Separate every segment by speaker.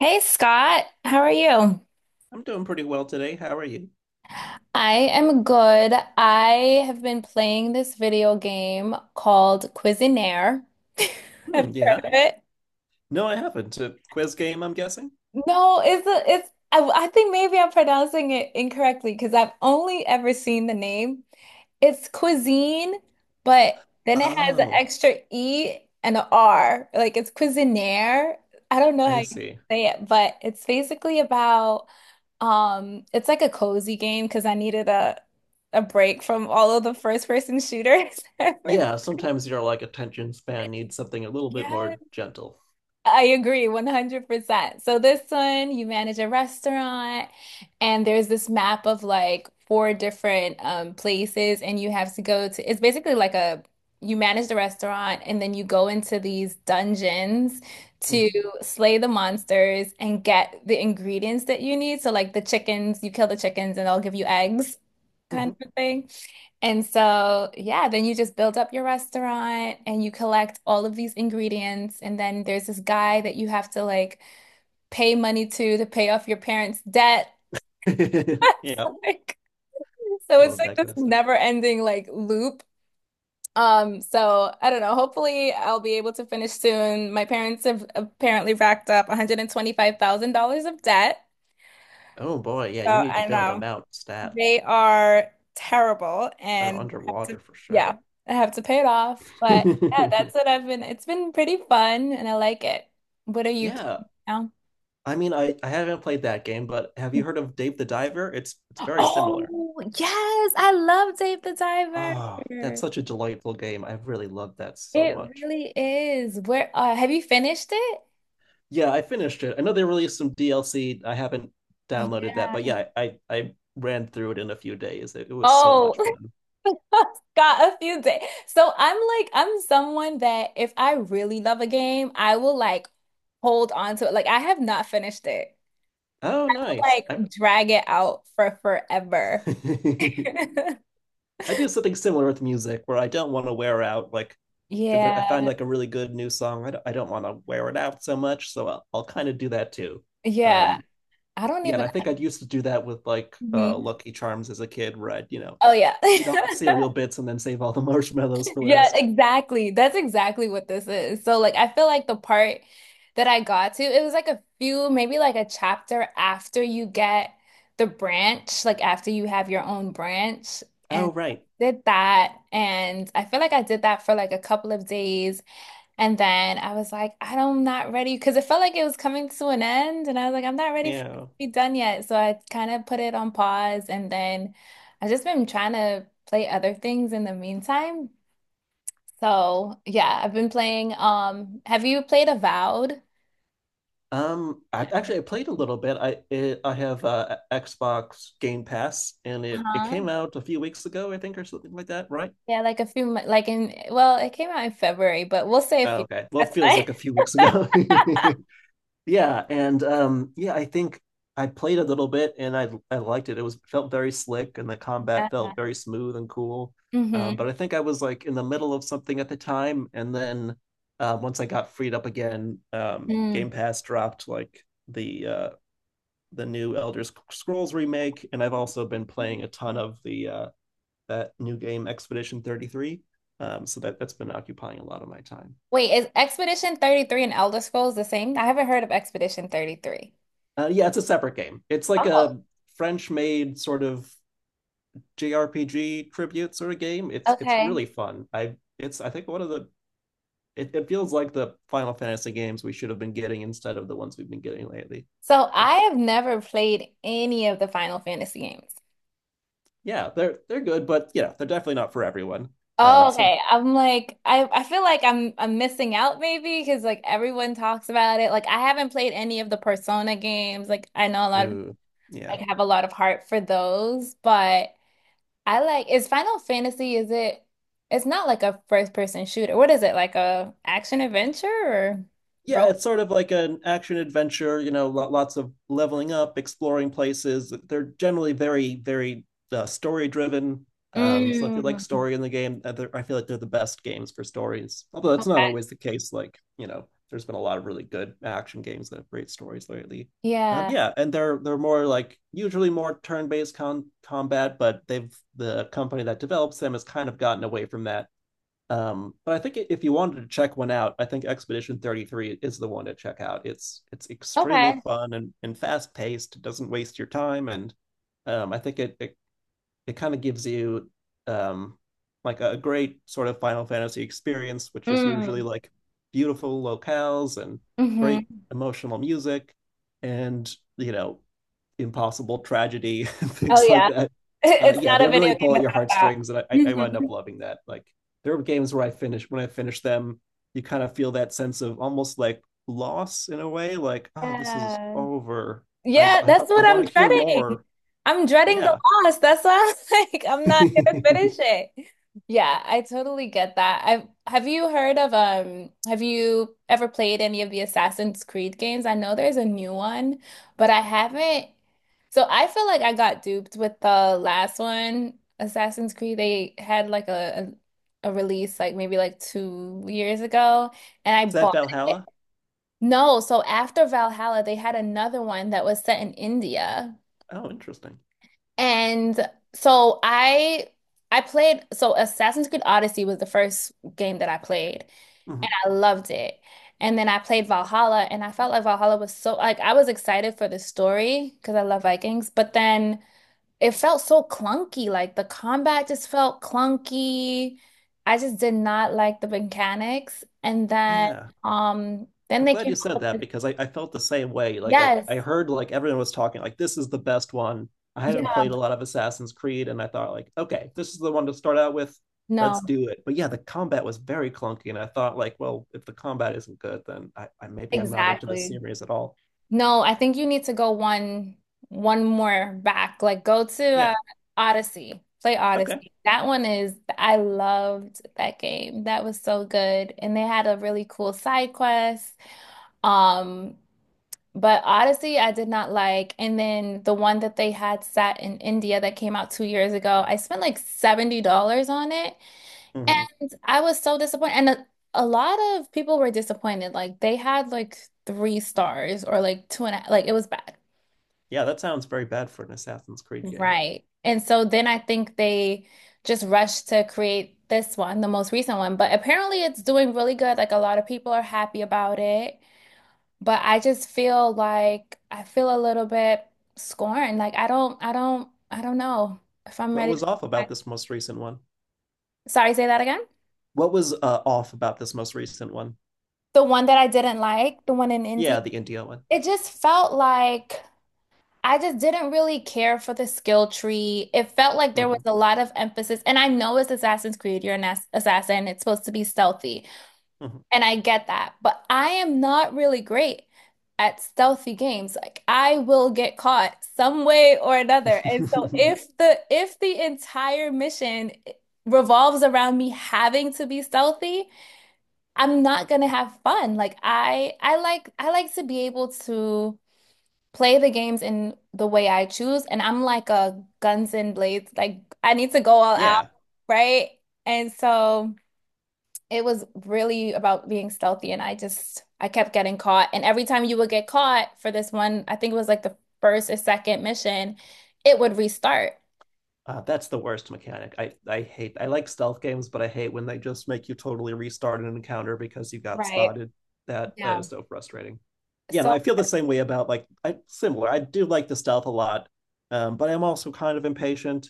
Speaker 1: Hey Scott, how are you?
Speaker 2: I'm doing pretty well today. How are you?
Speaker 1: I am good. I have been playing this video game called Cuisinaire. Have
Speaker 2: Hmm,
Speaker 1: you heard
Speaker 2: yeah.
Speaker 1: of it?
Speaker 2: No, I haven't. A quiz game, I'm guessing?
Speaker 1: No, it's a, it's I think maybe I'm pronouncing it incorrectly because I've only ever seen the name. It's cuisine, but then it has an
Speaker 2: Oh,
Speaker 1: extra E and a R. Like it's Cuisinaire. I don't know how
Speaker 2: I
Speaker 1: you
Speaker 2: see.
Speaker 1: say it, but it's basically about it's like a cozy game because I needed a break from all of the first person shooters. I
Speaker 2: Yeah, sometimes your like attention span needs something a little bit
Speaker 1: Yes.
Speaker 2: more gentle.
Speaker 1: I agree 100%. So this one, you manage a restaurant and there's this map of like four different places and you have to go to it's basically like a you manage the restaurant and then you go into these dungeons to
Speaker 2: Hmm.
Speaker 1: slay the monsters and get the ingredients that you need. So like the chickens, you kill the chickens and they'll give you eggs kind
Speaker 2: Hmm.
Speaker 1: of a thing. And so, yeah, then you just build up your restaurant and you collect all of these ingredients. And then there's this guy that you have to like pay money to pay off your parents' debt. It's
Speaker 2: Yeah,
Speaker 1: like- so it's
Speaker 2: love
Speaker 1: like
Speaker 2: that kind
Speaker 1: this
Speaker 2: of stuff.
Speaker 1: never-ending like loop. So I don't know. Hopefully, I'll be able to finish soon. My parents have apparently racked up $125,000 of debt.
Speaker 2: Oh boy, yeah,
Speaker 1: So
Speaker 2: you need to
Speaker 1: I
Speaker 2: bail them
Speaker 1: know.
Speaker 2: out, stat.
Speaker 1: They are terrible
Speaker 2: They're
Speaker 1: and I have to,
Speaker 2: underwater for sure.
Speaker 1: yeah, I have to pay it off. But yeah, that's what I've been, it's been pretty fun and I like it. What are you
Speaker 2: Yeah,
Speaker 1: playing now?
Speaker 2: I mean, I haven't played that game, but have you heard of Dave the Diver? It's very similar.
Speaker 1: Oh, yes, I love Dave the Diver.
Speaker 2: Oh, that's such a delightful game. I really love that so
Speaker 1: It
Speaker 2: much.
Speaker 1: really is. Where have you finished it?
Speaker 2: Yeah, I finished it. I know they released some DLC. I haven't
Speaker 1: Like,
Speaker 2: downloaded
Speaker 1: yeah.
Speaker 2: that, but yeah, I ran through it in a few days. It was so
Speaker 1: Oh,
Speaker 2: much fun.
Speaker 1: got a few days. So I'm someone that if I really love a game, I will like hold on to it. Like I have not finished it.
Speaker 2: Oh, nice.
Speaker 1: Like
Speaker 2: I,
Speaker 1: drag it out for forever.
Speaker 2: I do something similar with music where I don't want to wear out. Like, if there- I find
Speaker 1: Yeah.
Speaker 2: like a really good new song, I don't want to wear it out so much. So I'll kind of do that too.
Speaker 1: Yeah.
Speaker 2: Um,
Speaker 1: I don't
Speaker 2: yeah, and
Speaker 1: even.
Speaker 2: I think I used to do that with like
Speaker 1: Mhm.
Speaker 2: Lucky Charms as a kid, where I'd, you know,
Speaker 1: Oh, yeah.
Speaker 2: eat all the cereal bits and then save all the marshmallows for
Speaker 1: Yeah,
Speaker 2: last.
Speaker 1: exactly. That's exactly what this is. So, like, I feel like the part that I got to, it was like a few, maybe like a chapter after you get the branch, like after you have your own branch.
Speaker 2: Oh,
Speaker 1: And
Speaker 2: right.
Speaker 1: did that. And I feel like I did that for like a couple of days. And then I was like, I'm not ready because it felt like it was coming to an end. And I was like, I'm not ready for it to
Speaker 2: Yeah.
Speaker 1: be done yet. So I kind of put it on pause. And then I've just been trying to play other things in the meantime. So yeah, I've been playing. Have you played Avowed?
Speaker 2: I played a little bit. I have Xbox Game Pass, and it
Speaker 1: Uh-huh.
Speaker 2: came out a few weeks ago, I think, or something like that, right?
Speaker 1: Yeah, like like in, well, it came out in February, but we'll say a
Speaker 2: Oh,
Speaker 1: few
Speaker 2: okay.
Speaker 1: weeks.
Speaker 2: Well, it
Speaker 1: That's
Speaker 2: feels
Speaker 1: fine.
Speaker 2: like a few weeks ago. Yeah, I think I played a little bit, and I liked it. It was felt very slick, and the combat
Speaker 1: Uh-huh.
Speaker 2: felt very smooth and cool.
Speaker 1: Mm-hmm.
Speaker 2: But I think I was like in the middle of something at the time, and then once I got freed up again,
Speaker 1: Mm.
Speaker 2: Game Pass dropped like the new Elder Scrolls remake, and I've also been playing a ton of the that new game Expedition 33. So that's been occupying a lot of my time.
Speaker 1: Wait, is Expedition 33 and Elder Scrolls the same? I haven't heard of Expedition 33.
Speaker 2: Yeah, it's a separate game. It's like
Speaker 1: Oh,
Speaker 2: a French-made sort of JRPG tribute sort of game. It's really
Speaker 1: okay.
Speaker 2: fun. I think one of the it, it feels like the Final Fantasy games we should have been getting instead of the ones we've been getting lately.
Speaker 1: So
Speaker 2: It,
Speaker 1: I have never played any of the Final Fantasy games.
Speaker 2: yeah, they're good, but yeah, they're definitely not for everyone. Um,
Speaker 1: Oh,
Speaker 2: so
Speaker 1: okay. I feel like I'm missing out maybe because like everyone talks about it. Like I haven't played any of the Persona games. Like I know a lot of people
Speaker 2: uh,
Speaker 1: like
Speaker 2: yeah,
Speaker 1: have a lot of heart for those, but I like is Final Fantasy is it it's not like a first person shooter. What is it? Like a action adventure or
Speaker 2: Yeah,
Speaker 1: role?
Speaker 2: it's sort of like an action adventure, you know, lots of leveling up, exploring places. They're generally very, very story driven. So if you like
Speaker 1: Mm,
Speaker 2: story in the game, I feel like they're the best games for stories. Although that's not always the case. Like, you know, there's been a lot of really good action games that have great stories lately.
Speaker 1: yeah.
Speaker 2: Yeah, and they're more like usually more turn-based con combat, but the company that develops them has kind of gotten away from that but I think if you wanted to check one out, I think Expedition 33 is the one to check out. It's extremely
Speaker 1: Okay.
Speaker 2: fun and fast paced. It doesn't waste your time, and I think it kind of gives you um, like a great sort of Final Fantasy experience, which is usually
Speaker 1: Mm.
Speaker 2: like beautiful locales and great
Speaker 1: Hmm.
Speaker 2: emotional music, and you know impossible tragedy and
Speaker 1: Oh
Speaker 2: things like
Speaker 1: yeah.
Speaker 2: that.
Speaker 1: It's
Speaker 2: Yeah,
Speaker 1: not
Speaker 2: they
Speaker 1: a video
Speaker 2: really
Speaker 1: game
Speaker 2: pull at your
Speaker 1: without that.
Speaker 2: heartstrings, and I wind up
Speaker 1: Mhm.
Speaker 2: loving that. Like there are games where I finish when I finish them, you kind of feel that sense of almost like loss in a way, like oh, this is
Speaker 1: Yeah.
Speaker 2: over.
Speaker 1: Yeah, that's
Speaker 2: I
Speaker 1: what
Speaker 2: want
Speaker 1: I'm
Speaker 2: to hear
Speaker 1: dreading.
Speaker 2: more.
Speaker 1: I'm dreading the
Speaker 2: Yeah,
Speaker 1: loss. That's why I'm like, I'm not gonna
Speaker 2: is
Speaker 1: finish it. Yeah, I totally get that. I've have you heard of have you ever played any of the Assassin's Creed games? I know there's a new one, but I haven't. So I feel like I got duped with the last one, Assassin's Creed. They had like a release like maybe like 2 years ago, and I
Speaker 2: that
Speaker 1: bought it.
Speaker 2: Valhalla?
Speaker 1: No, so after Valhalla, they had another one that was set in India.
Speaker 2: Oh, interesting.
Speaker 1: And so I played so Assassin's Creed Odyssey was the first game that I played and
Speaker 2: Mm-hmm.
Speaker 1: I loved it. And then I played Valhalla and I felt like Valhalla was so like I was excited for the story because I love Vikings, but then it felt so clunky. Like the combat just felt clunky. I just did not like the mechanics. And then
Speaker 2: Yeah.
Speaker 1: then
Speaker 2: I'm
Speaker 1: they
Speaker 2: glad
Speaker 1: came
Speaker 2: you
Speaker 1: up
Speaker 2: said that
Speaker 1: with this,
Speaker 2: because I felt the same way. Like
Speaker 1: yes.
Speaker 2: I heard like everyone was talking like this is the best one. I hadn't played a lot of Assassin's Creed and I thought like, okay, this is the one to start out with.
Speaker 1: No,
Speaker 2: Let's do it. But yeah, the combat was very clunky and I thought like, well, if the combat isn't good, then I maybe I'm not into this
Speaker 1: exactly.
Speaker 2: series at all.
Speaker 1: No, I think you need to go one more back. Like go to
Speaker 2: Yeah.
Speaker 1: Odyssey. Play
Speaker 2: Okay.
Speaker 1: Odyssey. That one is I loved that game. That was so good. And they had a really cool side quest. Um, but Odyssey I did not like. And then the one that they had set in India that came out 2 years ago, I spent like $70 on it.
Speaker 2: Hmm.
Speaker 1: And I was so disappointed. And a lot of people were disappointed. Like they had like three stars or like two and a, like it was bad.
Speaker 2: Yeah, that sounds very bad for an Assassin's Creed game.
Speaker 1: Right. And so then I think they just rushed to create this one, the most recent one. But apparently it's doing really good. Like a lot of people are happy about it. But I just feel like I feel a little bit scorned. Like I don't know if I'm
Speaker 2: What
Speaker 1: ready. To-
Speaker 2: was off about this most recent one?
Speaker 1: Sorry, say that again.
Speaker 2: What was off about this most recent one?
Speaker 1: The one that I didn't like, the one in India,
Speaker 2: Yeah, the India one.
Speaker 1: it just felt like I just didn't really care for the skill tree. It felt like there was
Speaker 2: Hmm.
Speaker 1: a lot of emphasis, and I know it's Assassin's Creed, you're an assassin, it's supposed to be stealthy,
Speaker 2: Hmm.
Speaker 1: and I get that, but I am not really great at stealthy games. Like I will get caught some way or another. And so if the entire mission revolves around me having to be stealthy, I'm not gonna have fun. I like to be able to play the games in the way I choose. And I'm like a guns and blades, like I need to go all out,
Speaker 2: Yeah.
Speaker 1: right? And so it was really about being stealthy. And I kept getting caught. And every time you would get caught for this one, I think it was like the first or second mission, it would restart.
Speaker 2: That's the worst mechanic. I hate. I like stealth games, but I hate when they just make you totally restart an encounter because you got
Speaker 1: Right.
Speaker 2: spotted. That
Speaker 1: Yeah.
Speaker 2: is so frustrating. Yeah, no,
Speaker 1: So,
Speaker 2: I feel the same way about like I similar. I do like the stealth a lot, but I'm also kind of impatient,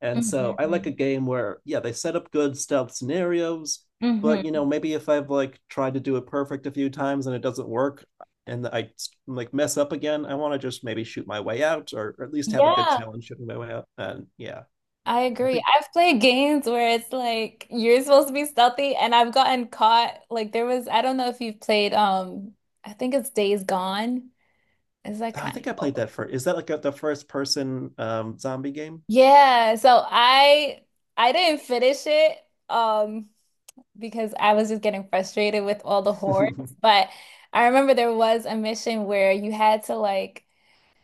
Speaker 2: and so I like a
Speaker 1: mhm.
Speaker 2: game where yeah they set up good stealth scenarios, but
Speaker 1: Mhm.
Speaker 2: you know maybe if I've like tried to do it perfect a few times and it doesn't work and I like mess up again, I want to just maybe shoot my way out or at least have a good
Speaker 1: Yeah.
Speaker 2: challenge shooting my way out. And yeah.
Speaker 1: I
Speaker 2: I
Speaker 1: agree.
Speaker 2: think
Speaker 1: I've played games where it's like you're supposed to be stealthy, and I've gotten caught. I don't know if you've played, I think it's Days Gone. Is that
Speaker 2: I
Speaker 1: kind
Speaker 2: think
Speaker 1: of
Speaker 2: I played
Speaker 1: old?
Speaker 2: that first. Is that like a, the first person zombie game?
Speaker 1: Yeah. So I didn't finish it, um, because I was just getting frustrated with all the
Speaker 2: Yeah,
Speaker 1: hordes. But I remember there was a mission where you had to like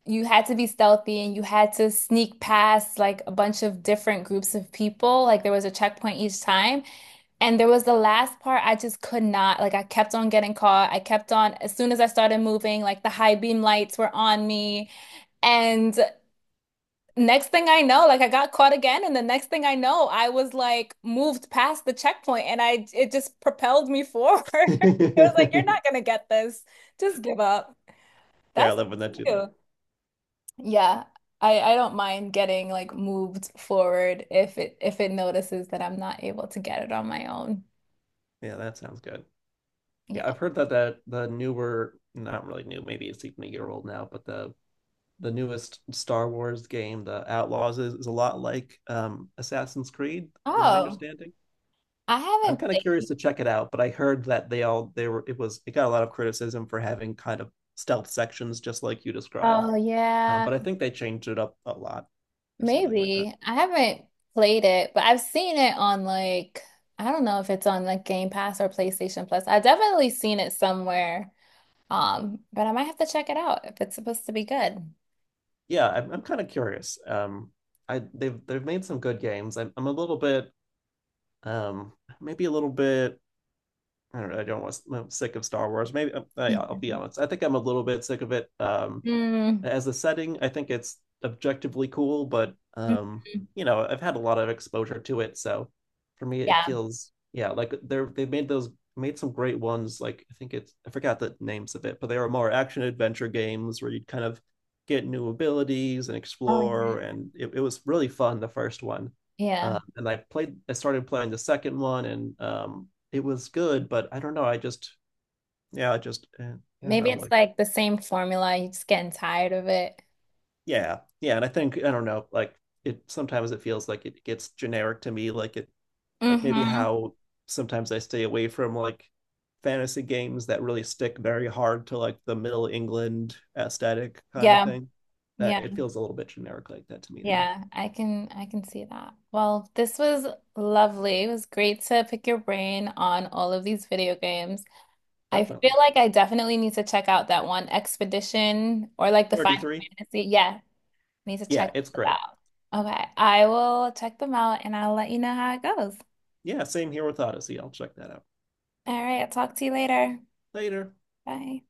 Speaker 1: you had to be stealthy and you had to sneak past like a bunch of different groups of people. Like there was a checkpoint each time. And there was the last part I just could not, like I kept on getting caught. I kept on, as soon as I started moving, like the high beam lights were on me. And next thing I know, like I got caught again. And the next thing I know, I was like moved past the checkpoint and I, it just propelled me forward. It was like, you're not gonna get this. Just give up.
Speaker 2: I
Speaker 1: That's
Speaker 2: love when that too.
Speaker 1: too. Yeah. I don't mind getting like moved forward if it notices that I'm not able to get it on my own.
Speaker 2: Yeah, that sounds good. Yeah,
Speaker 1: Yeah.
Speaker 2: I've heard that that the newer, not really new, maybe it's even a year old now, but the newest Star Wars game, the Outlaws, is a lot like Assassin's Creed, from my
Speaker 1: Oh.
Speaker 2: understanding.
Speaker 1: I
Speaker 2: I'm
Speaker 1: haven't
Speaker 2: kind of
Speaker 1: played.
Speaker 2: curious to check it out, but I heard that they all they were it got a lot of criticism for having kind of stealth sections, just like you described.
Speaker 1: Oh yeah,
Speaker 2: But I think they changed it up a lot. Or something like that.
Speaker 1: maybe. I haven't played it, but I've seen it on like I don't know if it's on like Game Pass or PlayStation Plus. I definitely seen it somewhere. But I might have to check it out if it's supposed to be good.
Speaker 2: I'm kind of curious. I they've made some good games. I'm a little bit um maybe a little bit I don't know. I don't want I'm sick of Star Wars. Maybe yeah, I'll be honest. I think I'm a little bit sick of it.
Speaker 1: Mhm. Mm.
Speaker 2: As a setting, I think it's objectively cool, but
Speaker 1: Mhm.
Speaker 2: you know, I've had a lot of exposure to it, so for me it
Speaker 1: Yeah.
Speaker 2: feels yeah, like they've made those made some great ones. Like I think it's I forgot the names of it, but they were more action adventure games where you'd kind of get new abilities and
Speaker 1: Oh
Speaker 2: explore,
Speaker 1: yeah.
Speaker 2: and it was really fun the first one.
Speaker 1: Yeah.
Speaker 2: And I played I started playing the second one, and it was good, but I don't know. Yeah, I just eh, I don't
Speaker 1: Maybe
Speaker 2: know.
Speaker 1: it's
Speaker 2: Like
Speaker 1: like the same formula, you're just getting tired of it.
Speaker 2: yeah and I don't know like it sometimes it feels like it gets generic to me like maybe
Speaker 1: Mm-hmm.
Speaker 2: how sometimes I stay away from like fantasy games that really stick very hard to like the middle england aesthetic kind of
Speaker 1: Yeah.
Speaker 2: thing that
Speaker 1: Yeah.
Speaker 2: it feels a little bit generic like that to me now.
Speaker 1: Yeah, I can see that. Well, this was lovely. It was great to pick your brain on all of these video games. I feel
Speaker 2: Definitely.
Speaker 1: like I definitely need to check out that one Expedition or like the Final
Speaker 2: 33.
Speaker 1: Fantasy. Yeah, need to check
Speaker 2: Yeah, it's
Speaker 1: those
Speaker 2: great.
Speaker 1: out. Okay, I will check them out and I'll let you know how it goes.
Speaker 2: Yeah, same here with odyssey I'll check that out
Speaker 1: All right, I'll talk to you later.
Speaker 2: later.
Speaker 1: Bye.